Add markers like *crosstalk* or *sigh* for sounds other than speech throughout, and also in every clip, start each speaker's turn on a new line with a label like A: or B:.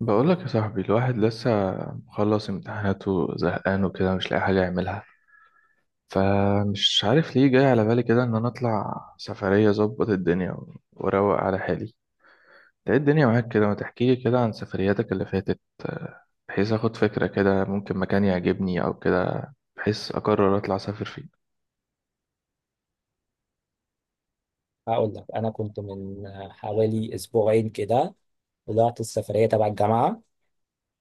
A: بقولك يا صاحبي الواحد لسه مخلص امتحاناته زهقان وكده مش لاقي حاجة يعملها. فمش عارف ليه جاي على بالي كده ان انا اطلع سفرية اظبط الدنيا و- واروق على حالي. انت ايه الدنيا معاك كده؟ ما تحكيلي كده عن سفرياتك اللي فاتت، بحيث اخد فكرة كده ممكن مكان يعجبني او كده، بحيث اقرر اطلع اسافر فيه.
B: هقول لك، انا كنت من حوالي اسبوعين كده. طلعت السفريه تبع الجامعه،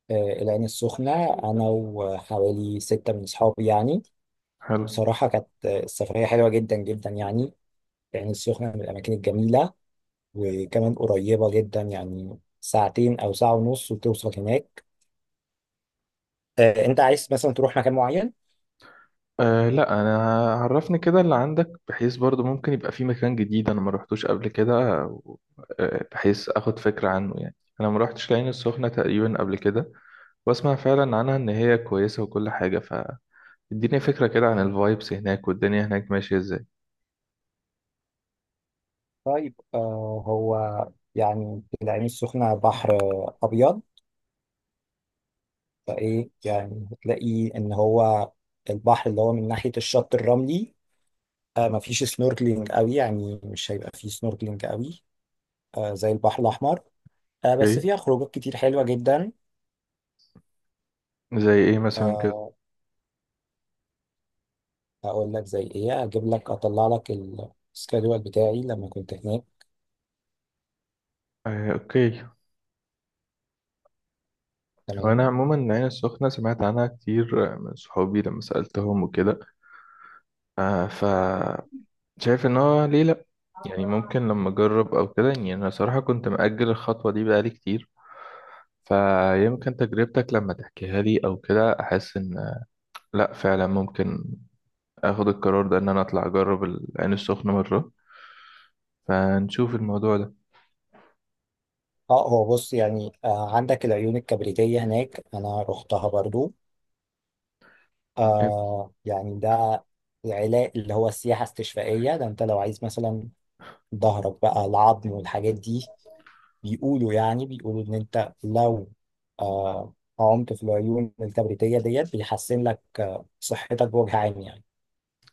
B: آه، العين السخنه، انا وحوالي 6 من اصحابي يعني.
A: حلو.
B: بصراحه كانت السفريه حلوه جدا جدا يعني. العين السخنه من الاماكن الجميله، وكمان قريبه جدا، يعني ساعتين او ساعه ونص وتوصل هناك. انت عايز مثلا تروح مكان معين؟
A: أه لا انا عرفني كده اللي عندك، بحيث برضو ممكن يبقى في مكان جديد انا ما روحتوش قبل كده. و- بحيث اخد فكرة عنه، يعني انا ما روحتش العين السخنة تقريبا قبل كده، واسمع فعلا عنها ان هي كويسة وكل حاجة. فاديني فكرة كده عن الفايبس هناك والدنيا هناك ماشية ازاي.
B: طيب، هو يعني العين السخنه بحر ابيض، فايه يعني هتلاقي ان هو البحر اللي هو من ناحيه الشط الرملي، مفيش سنوركلينج قوي. يعني مش هيبقى فيه سنوركلينج قوي زي البحر الاحمر. بس
A: اوكي.
B: فيها خروجات كتير حلوه جدا.
A: زي ايه مثلا كده؟
B: آه اقول لك زي ايه، اجيب لك اطلع لك السكادول بتاعي لما كنت هناك.
A: أه اوكي. وانا
B: تمام.
A: عموما العين السخنة سمعت عنها كتير، من صحابي لما سألتهم وكده. أه. شايف ان هو ليه لا، يعني ممكن لما اجرب او كده، يعني انا صراحة كنت مأجل الخطوة دي بقالي كتير. فيمكن تجربتك لما تحكيها لي او كده احس ان لا فعلا ممكن اخد القرار ده ان انا اطلع اجرب العين السخنة مرة. فنشوف الموضوع ده.
B: اه هو بص، يعني عندك العيون الكبريتيه هناك، انا رحتها برضو.
A: جامد.
B: يعني ده العلاج اللي هو السياحه استشفائيه ده. انت لو عايز مثلا ظهرك بقى، العظم والحاجات دي، بيقولوا، يعني بيقولوا ان انت لو آه عمت في العيون الكبريتية ديت، بيحسن لك صحتك بوجه عام يعني.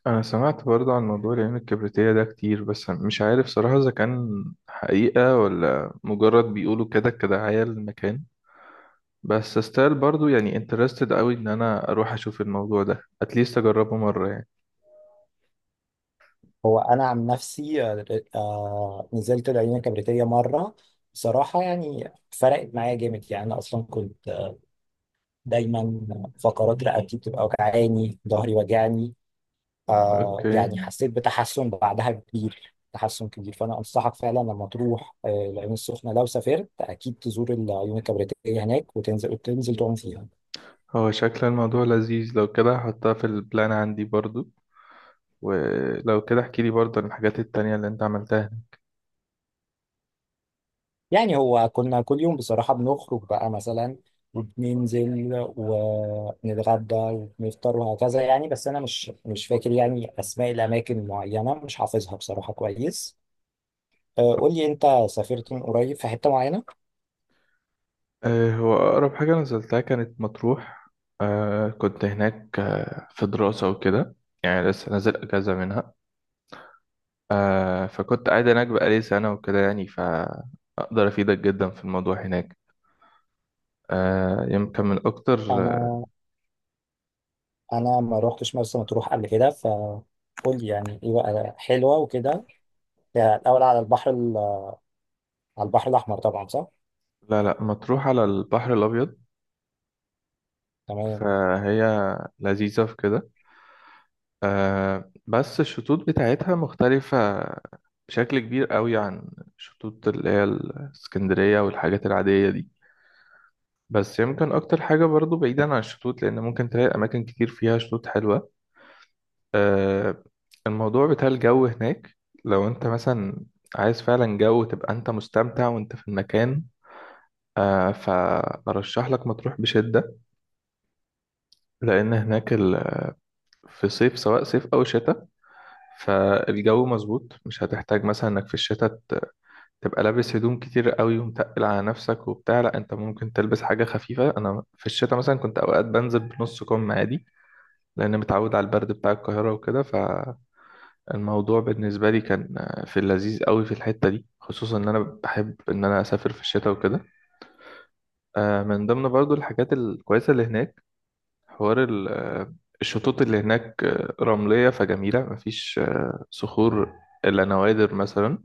A: انا سمعت برضه عن موضوع العين الكبريتية ده كتير، بس مش عارف صراحة اذا كان حقيقة ولا مجرد بيقولوا كده كدعاية للمكان. بس استايل برضو يعني انترستد قوي ان انا اروح اشوف الموضوع ده، اتليست اجربه مره يعني.
B: هو انا عن نفسي، نزلت العيون الكبريتية مرة. بصراحة يعني فرقت معايا جامد يعني. انا اصلا كنت دايما فقرات رقبتي بتبقى وجعاني، ظهري وجعني.
A: اوكي.
B: يعني حسيت بتحسن بعدها كبير، تحسن كبير. فانا انصحك فعلا لما تروح العين السخنه لو سافرت، اكيد تزور العيون الكبريتيه هناك وتنزل، تعوم فيها.
A: هو شكل الموضوع لذيذ، لو كده هحطها في البلان عندي برضو. ولو كده احكي لي برضو عن الحاجات التانية اللي انت عملتها.
B: يعني هو كنا كل يوم بصراحه بنخرج بقى مثلا، وبننزل ونتغدى ونفطر وهكذا يعني. بس انا مش فاكر يعني اسماء الاماكن معينه، مش حافظها بصراحه كويس. قول لي انت، سافرت من قريب في حته معينه؟
A: آه هو اقرب حاجه نزلتها كانت مطروح. آه كنت هناك، في دراسه وكده، يعني لسه نازل اجازه منها. آه فكنت قاعد هناك بقالي سنه وكده، يعني فاقدر افيدك جدا في الموضوع هناك. يمكن من أكتر.
B: انا انا ما روحتش مرسى مطروح قبل كده. فقول لي يعني ايه بقى، حلوه وكده؟ ده الاول على البحر الاحمر طبعا، صح؟
A: لا لا مطروح على البحر الأبيض.
B: تمام.
A: فهي لذيذة في كده. آه بس الشطوط بتاعتها مختلفة بشكل كبير قوي عن الشطوط اللي هي الإسكندرية والحاجات العادية دي. بس يمكن أكتر حاجة برضو بعيدا عن الشطوط، لأن ممكن تلاقي أماكن كتير فيها شطوط حلوة. آه الموضوع بتاع الجو هناك، لو أنت مثلا عايز فعلا جو تبقى أنت مستمتع وأنت في المكان، فأرشح لك مطروح بشدة، لأن هناك في صيف، سواء صيف أو شتاء، فالجو مظبوط. مش هتحتاج مثلا إنك في الشتاء تبقى لابس هدوم كتير قوي ومتقل على نفسك وبتاع. لأ أنت ممكن تلبس حاجة خفيفة، أنا في الشتاء مثلا كنت أوقات بنزل بنص كم عادي، لأن متعود على البرد بتاع القاهرة وكده. فالموضوع بالنسبة لي كان في اللذيذ قوي في الحتة دي، خصوصا إن أنا بحب إن أنا أسافر في الشتاء وكده. من ضمن برضو الحاجات الكويسة اللي هناك حوار الشطوط اللي هناك، رملية فجميلة، مفيش صخور إلا نوادر مثلا.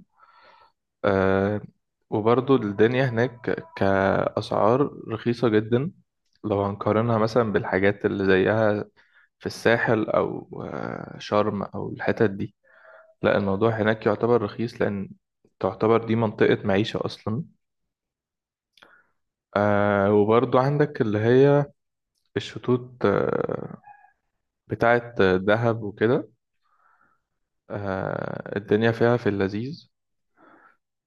A: آه، وبرضو الدنيا هناك كأسعار رخيصة جدا، لو هنقارنها مثلا بالحاجات اللي زيها في الساحل أو شرم أو الحتت دي. لا الموضوع هناك يعتبر رخيص، لأن تعتبر دي منطقة معيشة أصلا. وبرضو عندك اللي هي الشطوط بتاعة دهب وكده. آه الدنيا فيها في اللذيذ.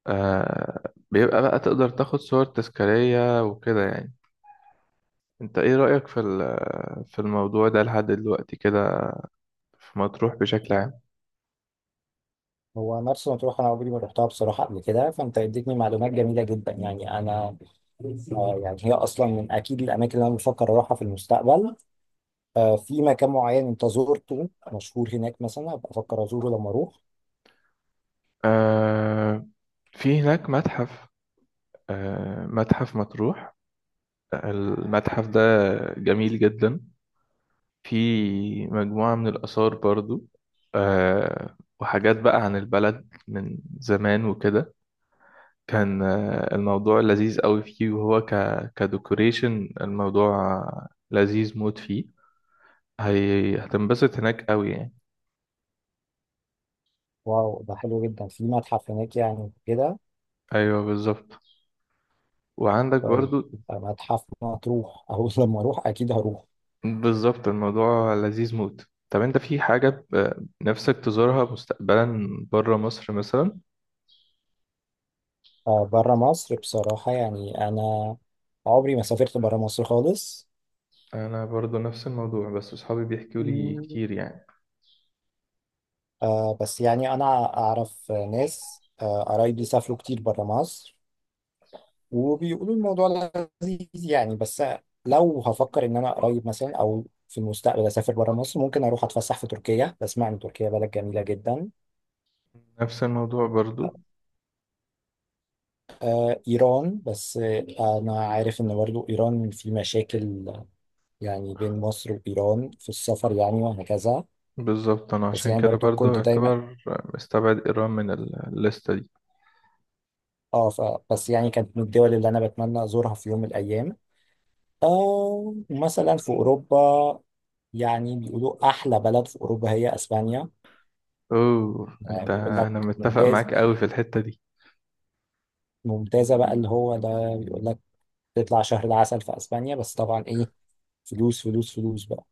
A: آه بيبقى بقى تقدر تاخد صور تذكارية وكده يعني. انت ايه رأيك في في الموضوع ده لحد دلوقتي كده، في مطروح بشكل عام؟
B: هو مرسى مطروح انا عمري ما روحتها بصراحه قبل كده. فانت اديتني معلومات جميله جدا يعني. انا يعني هي اصلا من اكيد الاماكن اللي انا بفكر اروحها في المستقبل. في مكان معين انت زرته مشهور هناك مثلا، ابقى افكر ازوره لما اروح؟
A: آه في هناك متحف، آه متحف مطروح. المتحف ده جميل جدا، في مجموعة من الآثار برضو، وحاجات بقى عن البلد من زمان وكده. كان الموضوع لذيذ قوي فيه، وهو كديكوريشن الموضوع لذيذ موت فيه. هتنبسط هناك قوي يعني.
B: واو، ده حلو جدا، في متحف هناك يعني كده.
A: ايوه بالظبط. وعندك
B: طيب
A: برضو.
B: يبقى متحف مطروح *laughs* اهو، لما اروح اكيد هروح.
A: بالظبط الموضوع لذيذ موت. طب انت في حاجة نفسك تزورها مستقبلا بره مصر مثلا؟
B: بره مصر بصراحة يعني أنا عمري ما سافرت بره مصر خالص.
A: انا برضو نفس الموضوع، بس اصحابي بيحكوا لي
B: مم.
A: كتير يعني.
B: بس يعني أنا أعرف ناس، قرايبي سافروا كتير بره مصر وبيقولوا الموضوع لذيذ يعني. بس لو هفكر إن أنا قريب مثلا أو في المستقبل أسافر بره مصر، ممكن أروح أتفسح في تركيا. بسمع إن تركيا بلد جميلة جدا.
A: نفس الموضوع برضو.
B: إيران، بس أنا عارف إن برضو إيران في مشاكل، يعني بين مصر وإيران في السفر يعني وهكذا.
A: بالظبط، انا
B: بس
A: عشان
B: يعني
A: كده
B: برضو
A: برضو
B: كنت دايما
A: يعتبر مستبعد ايران من الليستة دي.
B: اه ف... بس يعني كانت من الدول اللي انا بتمنى ازورها في يوم من الايام. مثلا في اوروبا، يعني بيقولوا احلى بلد في اوروبا هي اسبانيا.
A: اوه
B: يعني
A: انت
B: بيقول لك
A: انا متفق
B: ممتاز،
A: معاك قوي في الحتة دي.
B: ممتازه بقى اللي هو ده. بيقول لك تطلع شهر العسل في اسبانيا، بس طبعا ايه، فلوس فلوس فلوس بقى.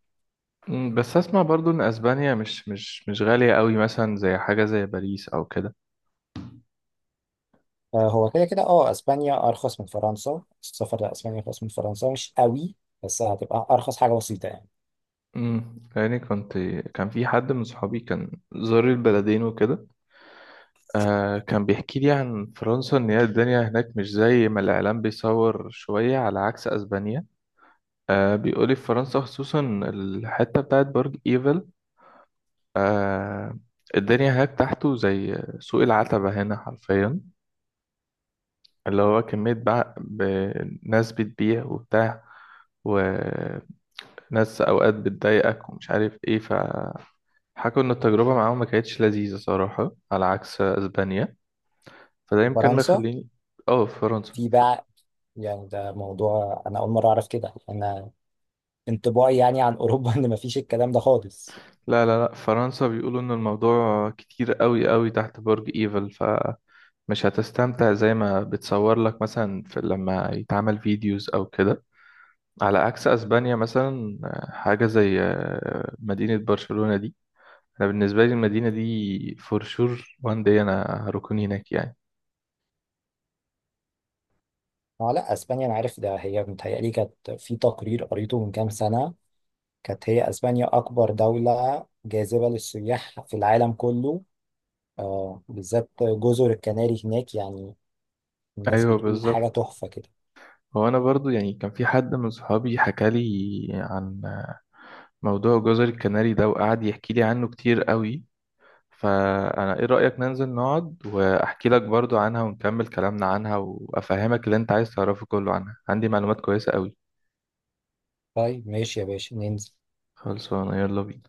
A: مم، بس اسمع برضو ان اسبانيا مش غالية قوي، مثلا زي حاجة زي باريس او كده.
B: فهو كده كده، اسبانيا ارخص من فرنسا. السفر لاسبانيا ارخص من فرنسا، مش قوي، بس هتبقى ارخص حاجه بسيطه يعني.
A: يعني كنت، كان في حد من صحابي كان زار البلدين وكده. آه كان بيحكي لي عن فرنسا ان هي الدنيا هناك مش زي ما الاعلام بيصور شوية، على عكس اسبانيا. آه بيقولي في فرنسا خصوصا الحتة بتاعت برج ايفل، آه الدنيا هناك تحته زي سوق العتبة هنا حرفيا، اللي هو كمية بقى ناس بتبيع وبتاع وناس أوقات بتضايقك ومش عارف إيه. فحكوا إن التجربة معاهم ما كانتش لذيذة صراحة، على عكس أسبانيا. فده يمكن
B: فرنسا،
A: مخليني آه في فرنسا
B: في بقى، يعني ده موضوع انا اول مره اعرف كده. انا انطباعي يعني عن اوروبا *laughs* ان مفيش الكلام ده خالص.
A: لا لا في فرنسا بيقولوا إن الموضوع كتير قوي تحت برج إيفل، فمش هتستمتع زي ما بتصور لك مثلا في لما يتعمل فيديوز أو كده. على عكس أسبانيا مثلا، حاجة زي مدينة برشلونة دي. انا بالنسبه لي المدينه دي فور شور وان دي انا هركن هناك يعني.
B: اه لا، اسبانيا انا عارف ده. هي متهيألي كانت في تقرير قريته من كام سنه، كانت هي اسبانيا اكبر دوله جاذبه للسياح في العالم كله. بالذات جزر الكناري هناك، يعني الناس
A: ايوه
B: بتقول حاجه
A: بالظبط.
B: تحفه كده.
A: هو انا برضو يعني كان في حد من صحابي حكى لي عن موضوع جزر الكناري ده، وقعد يحكي لي عنه كتير قوي. فانا ايه رايك ننزل نقعد واحكي لك برضو عنها ونكمل كلامنا عنها وافهمك اللي انت عايز تعرفه كله عنها؟ عندي معلومات كويسه قوي.
B: طيب، ماشي يا باشا، ننزل.
A: خلصانه، يلا بينا.